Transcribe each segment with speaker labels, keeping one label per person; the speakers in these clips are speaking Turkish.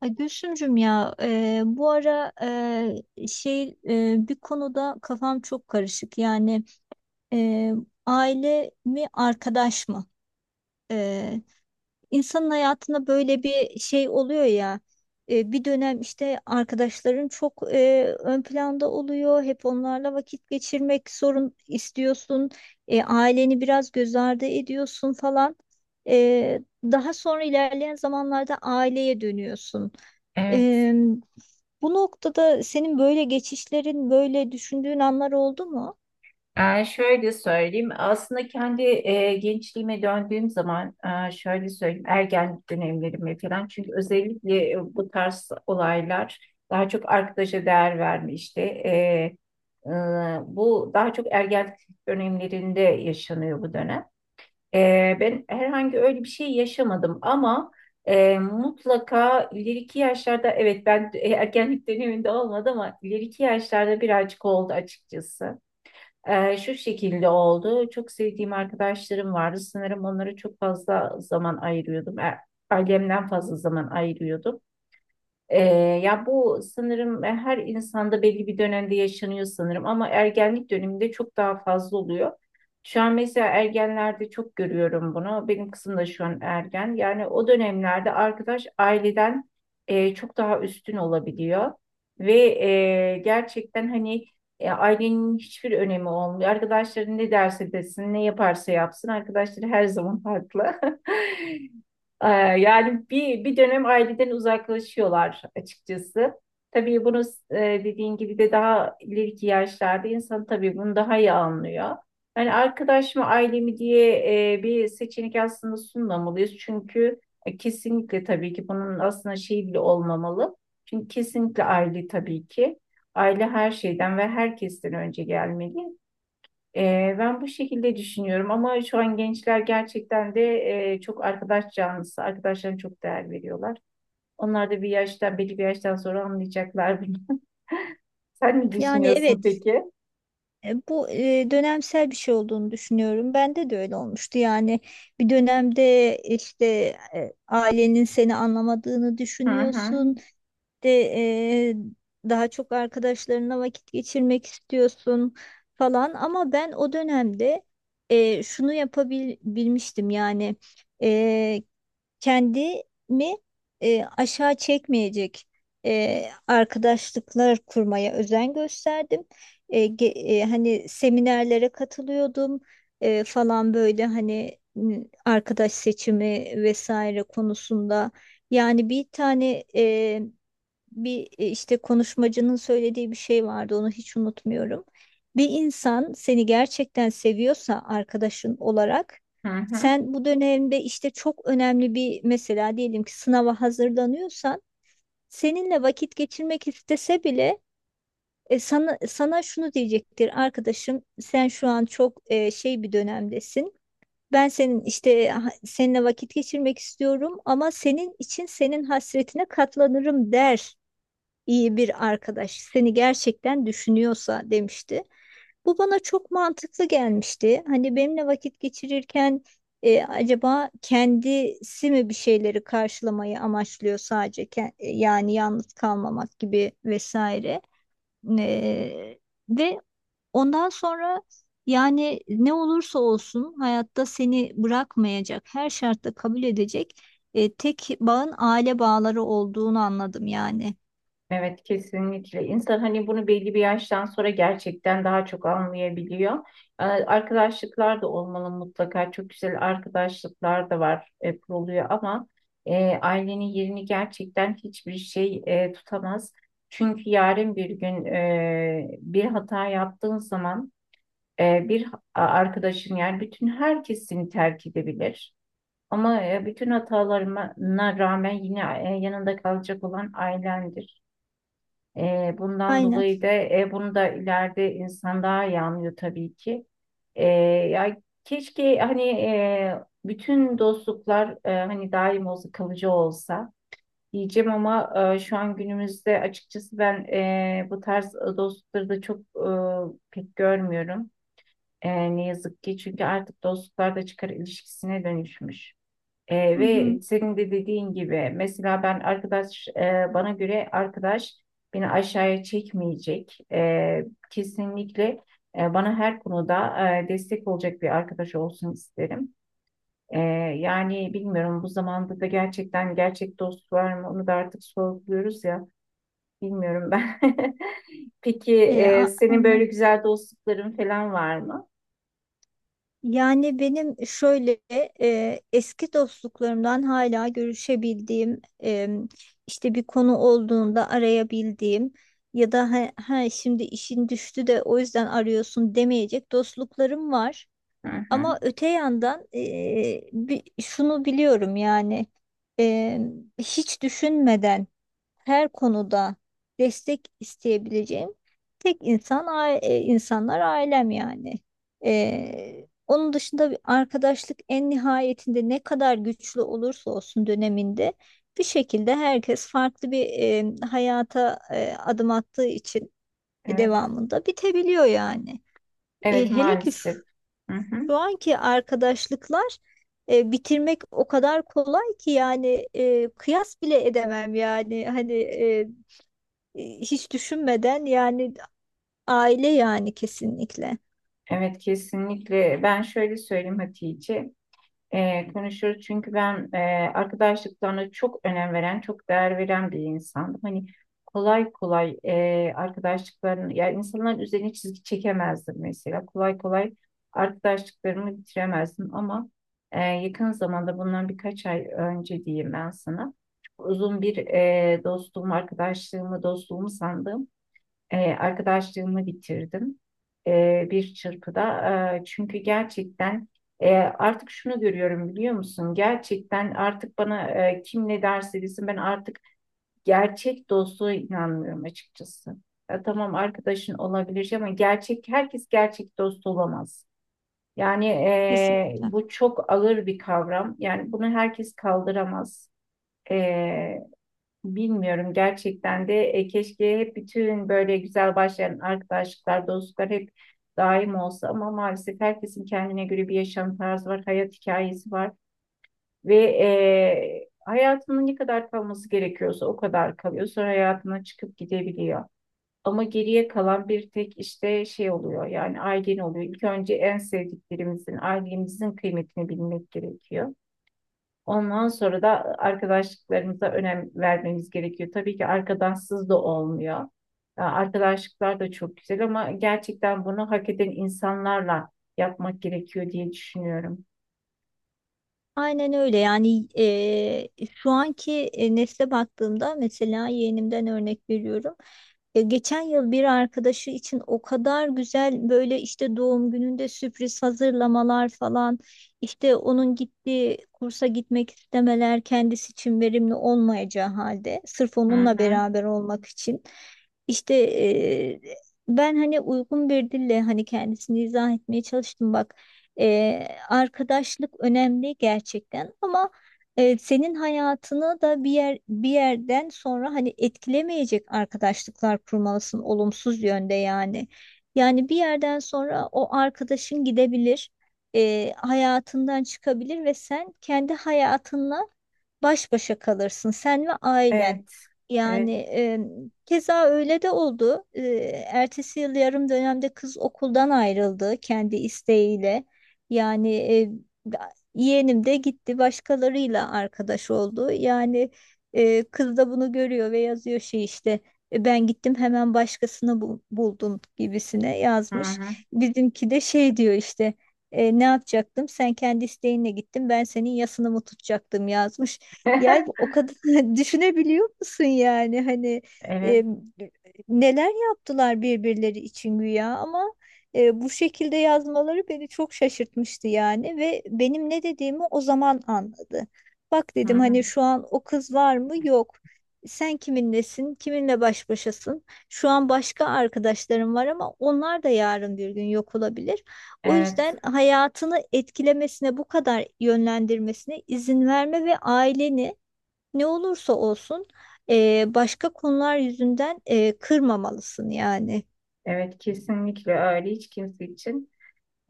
Speaker 1: Ay Gülsümcüm ya bu ara bir konuda kafam çok karışık. Yani e, aile mi arkadaş mı? E, insanın hayatında böyle bir şey oluyor ya. Bir dönem işte arkadaşların çok ön planda oluyor. Hep onlarla vakit geçirmek zorun istiyorsun. Aileni biraz göz ardı ediyorsun falan. Daha sonra ilerleyen zamanlarda aileye dönüyorsun.
Speaker 2: Evet.
Speaker 1: Eee, Bu noktada senin böyle geçişlerin, böyle düşündüğün anlar oldu mu?
Speaker 2: Şöyle söyleyeyim. Aslında kendi gençliğime döndüğüm zaman şöyle söyleyeyim. Ergenlik dönemlerime falan. Çünkü özellikle bu tarz olaylar daha çok arkadaşa değer verme işte. E, bu daha çok ergenlik dönemlerinde yaşanıyor bu dönem. Ben herhangi öyle bir şey yaşamadım ama mutlaka ileriki yaşlarda evet ben ergenlik döneminde olmadı ama ileriki yaşlarda birazcık oldu açıkçası. Şu şekilde oldu. Çok sevdiğim arkadaşlarım vardı. Sanırım onlara çok fazla zaman ayırıyordum. Ailemden fazla zaman ayırıyordum. Ee, ya bu sanırım her insanda belli bir dönemde yaşanıyor sanırım ama ergenlik döneminde çok daha fazla oluyor. Şu an mesela ergenlerde çok görüyorum bunu. Benim kızım da şu an ergen. Yani o dönemlerde arkadaş aileden çok daha üstün olabiliyor. Ve gerçekten hani ailenin hiçbir önemi olmuyor. Arkadaşların ne derse desin, ne yaparsa yapsın. Arkadaşları her zaman haklı. Ee, Yani bir dönem aileden uzaklaşıyorlar açıkçası. Tabii bunu e, dediğin gibi de daha ileriki yaşlarda insan tabii bunu daha iyi anlıyor. Yani arkadaş mı aile mi diye bir seçenek aslında sunmamalıyız. Çünkü kesinlikle tabii ki bunun aslında şey bile olmamalı. Çünkü kesinlikle aile tabii ki. Aile her şeyden ve herkesten önce gelmeli. Ben bu şekilde düşünüyorum ama şu an gençler gerçekten de çok arkadaş canlısı. Arkadaşlarına çok değer veriyorlar. Onlar da bir yaştan, belli bir yaştan sonra anlayacaklar bunu. Sen ne
Speaker 1: Yani
Speaker 2: düşünüyorsun
Speaker 1: evet,
Speaker 2: peki?
Speaker 1: bu dönemsel bir şey olduğunu düşünüyorum. Bende de öyle olmuştu. Yani bir dönemde işte ailenin seni anlamadığını
Speaker 2: Hı hı,
Speaker 1: düşünüyorsun. De e, daha çok arkadaşlarına vakit geçirmek istiyorsun falan. Ama ben o dönemde şunu yapabilmiştim yani. e, Kendimi aşağı çekmeyecek arkadaşlıklar kurmaya özen gösterdim. Hani seminerlere katılıyordum falan böyle hani arkadaş seçimi vesaire konusunda. Yani bir tane işte konuşmacının söylediği bir şey vardı onu hiç unutmuyorum. Bir insan seni gerçekten seviyorsa arkadaşın olarak
Speaker 2: hı hı.
Speaker 1: sen bu dönemde işte çok önemli bir, mesela diyelim ki sınava hazırlanıyorsan seninle vakit geçirmek istese bile sana şunu diyecektir: arkadaşım sen şu an çok şey bir dönemdesin. Ben senin işte seninle vakit geçirmek istiyorum ama senin için senin hasretine katlanırım der, iyi bir arkadaş seni gerçekten düşünüyorsa, demişti. Bu bana çok mantıklı gelmişti. Hani benimle vakit geçirirken acaba kendisi mi bir şeyleri karşılamayı amaçlıyor sadece yani yalnız kalmamak gibi vesaire. E, Ve ondan sonra yani ne olursa olsun hayatta seni bırakmayacak, her şartta kabul edecek tek bağın aile bağları olduğunu anladım yani.
Speaker 2: Evet, kesinlikle. İnsan hani bunu belli bir yaştan sonra gerçekten daha çok anlayabiliyor. Arkadaşlıklar da olmalı mutlaka. Çok güzel arkadaşlıklar da var, kuruluyor ama ailenin yerini gerçekten hiçbir şey tutamaz. Çünkü yarın bir gün bir hata yaptığın zaman bir arkadaşın yani bütün herkes seni terk edebilir. Ama bütün hatalarına rağmen yine yanında kalacak olan ailendir. Bundan
Speaker 1: Aynen.
Speaker 2: dolayı da bunu da ileride insan daha iyi anlıyor tabii ki. Ya keşke hani bütün dostluklar hani daim olsa kalıcı olsa diyeceğim ama şu an günümüzde açıkçası ben bu tarz dostlukları da çok pek görmüyorum. Ne yazık ki çünkü artık dostluklar da çıkar ilişkisine dönüşmüş.
Speaker 1: Hı
Speaker 2: Ve
Speaker 1: hı.
Speaker 2: senin de dediğin gibi mesela ben arkadaş bana göre arkadaş beni aşağıya çekmeyecek. Kesinlikle bana her konuda destek olacak bir arkadaş olsun isterim. Ee, Yani bilmiyorum bu zamanda da gerçekten gerçek dost var mı onu da artık sorguluyoruz ya, bilmiyorum ben. Peki senin
Speaker 1: Aynen.
Speaker 2: böyle güzel dostlukların falan var mı?
Speaker 1: Yani benim şöyle eski dostluklarımdan hala görüşebildiğim, işte bir konu olduğunda arayabildiğim ya da ha, ha şimdi işin düştü de o yüzden arıyorsun demeyecek dostluklarım var.
Speaker 2: Hı hı.
Speaker 1: Ama öte yandan, şunu biliyorum yani, eee, hiç düşünmeden her konuda destek isteyebileceğim tek insanlar ailem yani. Onun dışında bir arkadaşlık en nihayetinde ne kadar güçlü olursa olsun döneminde bir şekilde herkes farklı bir hayata adım attığı için
Speaker 2: Evet,
Speaker 1: devamında bitebiliyor yani.
Speaker 2: evet,
Speaker 1: Hele ki
Speaker 2: maalesef. Hı hı.
Speaker 1: şu anki arkadaşlıklar bitirmek o kadar kolay ki yani, kıyas bile edemem yani hani, hiç düşünmeden yani aile yani, kesinlikle.
Speaker 2: Evet, kesinlikle. Ben şöyle söyleyeyim Hatice. Konuşuruz çünkü ben arkadaşlıklarına çok önem veren, çok değer veren bir insandım. Hani kolay kolay arkadaşlıklarını, ya insanların üzerine çizgi çekemezdim mesela. Kolay kolay arkadaşlıklarımı bitiremezdim ama yakın zamanda bundan birkaç ay önce diyeyim ben sana. Çok uzun bir dostluğumu, arkadaşlığımı, dostluğumu sandığım arkadaşlığımı bitirdim bir çırpıda. Çünkü gerçekten artık şunu görüyorum biliyor musun? Gerçekten artık bana kim ne derse desin ben artık gerçek dostluğa inanmıyorum açıkçası. Ya tamam, arkadaşın olabilir ama gerçek herkes gerçek dost olamaz. Yani
Speaker 1: Kesinlikle.
Speaker 2: bu çok ağır bir kavram. Yani bunu herkes kaldıramaz. E, Bilmiyorum gerçekten de. Keşke hep bütün böyle güzel başlayan arkadaşlıklar, dostluklar hep daim olsa ama maalesef herkesin kendine göre bir yaşam tarzı var, hayat hikayesi var ve hayatının ne kadar kalması gerekiyorsa o kadar kalıyor. Sonra hayatına çıkıp gidebiliyor. Ama geriye kalan bir tek işte şey oluyor yani ailen oluyor. İlk önce en sevdiklerimizin, ailemizin kıymetini bilmek gerekiyor. Ondan sonra da arkadaşlıklarımıza önem vermemiz gerekiyor. Tabii ki arkadaşsız da olmuyor. Ya, arkadaşlıklar da çok güzel ama gerçekten bunu hak eden insanlarla yapmak gerekiyor diye düşünüyorum.
Speaker 1: Aynen öyle yani, şu anki nesle baktığımda mesela yeğenimden örnek veriyorum. Geçen yıl bir arkadaşı için o kadar güzel böyle işte doğum gününde sürpriz hazırlamalar falan, işte onun gittiği kursa gitmek istemeler kendisi için verimli olmayacağı halde sırf
Speaker 2: Hı
Speaker 1: onunla
Speaker 2: hı.
Speaker 1: beraber olmak için işte, ben hani uygun bir dille hani kendisini izah etmeye çalıştım: bak, arkadaşlık önemli gerçekten ama senin hayatını da bir yerden sonra hani etkilemeyecek arkadaşlıklar kurmalısın, olumsuz yönde yani. Yani bir yerden sonra o arkadaşın gidebilir, hayatından çıkabilir ve sen kendi hayatınla baş başa kalırsın, sen ve ailen.
Speaker 2: Evet.
Speaker 1: Yani
Speaker 2: Evet.
Speaker 1: keza öyle de oldu. Ertesi yıl yarım dönemde kız okuldan ayrıldı kendi isteğiyle. Yani yeğenim de gitti başkalarıyla arkadaş oldu. Yani kız da bunu görüyor ve yazıyor şey işte, ben gittim hemen başkasını buldum" gibisine
Speaker 2: Hı
Speaker 1: yazmış.
Speaker 2: hı.
Speaker 1: Bizimki de şey diyor işte, ne yapacaktım, sen kendi isteğinle gittin, ben senin yasını mı tutacaktım" yazmış. Yani o kadar düşünebiliyor musun yani hani,
Speaker 2: Evet.
Speaker 1: e, neler yaptılar birbirleri için güya ama bu şekilde yazmaları beni çok şaşırtmıştı yani, ve benim ne dediğimi o zaman anladı. Bak
Speaker 2: Hı
Speaker 1: dedim
Speaker 2: hı.
Speaker 1: hani şu an o kız var mı? Yok. Sen kiminlesin? Kiminle baş başasın? Şu an başka arkadaşlarım var ama onlar da yarın bir gün yok olabilir. O
Speaker 2: Evet.
Speaker 1: yüzden hayatını etkilemesine, bu kadar yönlendirmesine izin verme ve aileni ne olursa olsun başka konular yüzünden kırmamalısın yani.
Speaker 2: Evet, kesinlikle öyle. Hiç kimse için.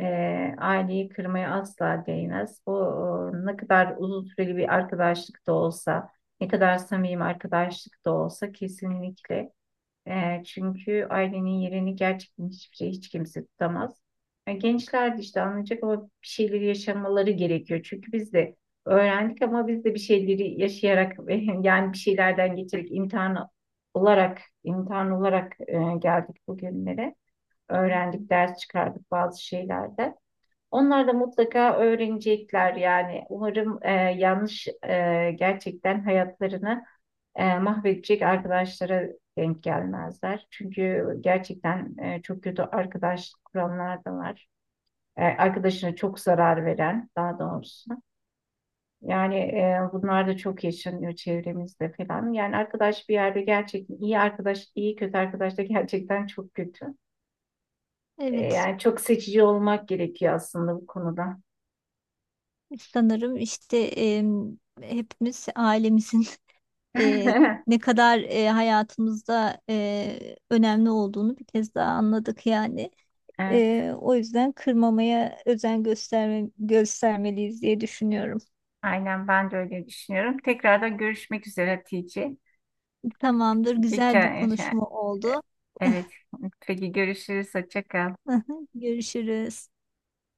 Speaker 2: Aileyi kırmaya asla değmez. Bu ne kadar uzun süreli bir arkadaşlık da olsa, ne kadar samimi arkadaşlık da olsa kesinlikle. Çünkü ailenin yerini gerçekten hiçbir şey, hiç kimse tutamaz. Yani gençler de işte anlayacak ama bir şeyleri yaşamaları gerekiyor. Çünkü biz de öğrendik ama biz de bir şeyleri yaşayarak yani bir şeylerden geçerek imtihan olarak geldik bugünlere. Öğrendik, ders çıkardık bazı şeylerde. Onlar da mutlaka öğrenecekler yani. Umarım yanlış gerçekten hayatlarını mahvedecek arkadaşlara denk gelmezler. Çünkü gerçekten çok kötü arkadaş kuranlar da var. Arkadaşına çok zarar veren daha doğrusu. Yani bunlar da çok yaşanıyor çevremizde falan. Yani arkadaş bir yerde gerçekten iyi arkadaş, iyi kötü arkadaş da gerçekten çok kötü.
Speaker 1: Evet,
Speaker 2: Yani çok seçici olmak gerekiyor aslında bu konuda.
Speaker 1: sanırım işte hepimiz ailemizin e, ne kadar hayatımızda önemli olduğunu bir kez daha anladık yani.
Speaker 2: E,
Speaker 1: O yüzden kırmamaya özen gösterme, göstermeliyiz diye düşünüyorum.
Speaker 2: Aynen, ben de öyle düşünüyorum. Tekrardan görüşmek üzere Hatice.
Speaker 1: Tamamdır,
Speaker 2: Ge-
Speaker 1: güzel bir
Speaker 2: ke- şey,
Speaker 1: konuşma
Speaker 2: e,
Speaker 1: oldu.
Speaker 2: Evet. Peki, görüşürüz. Hoşça kal.
Speaker 1: Görüşürüz.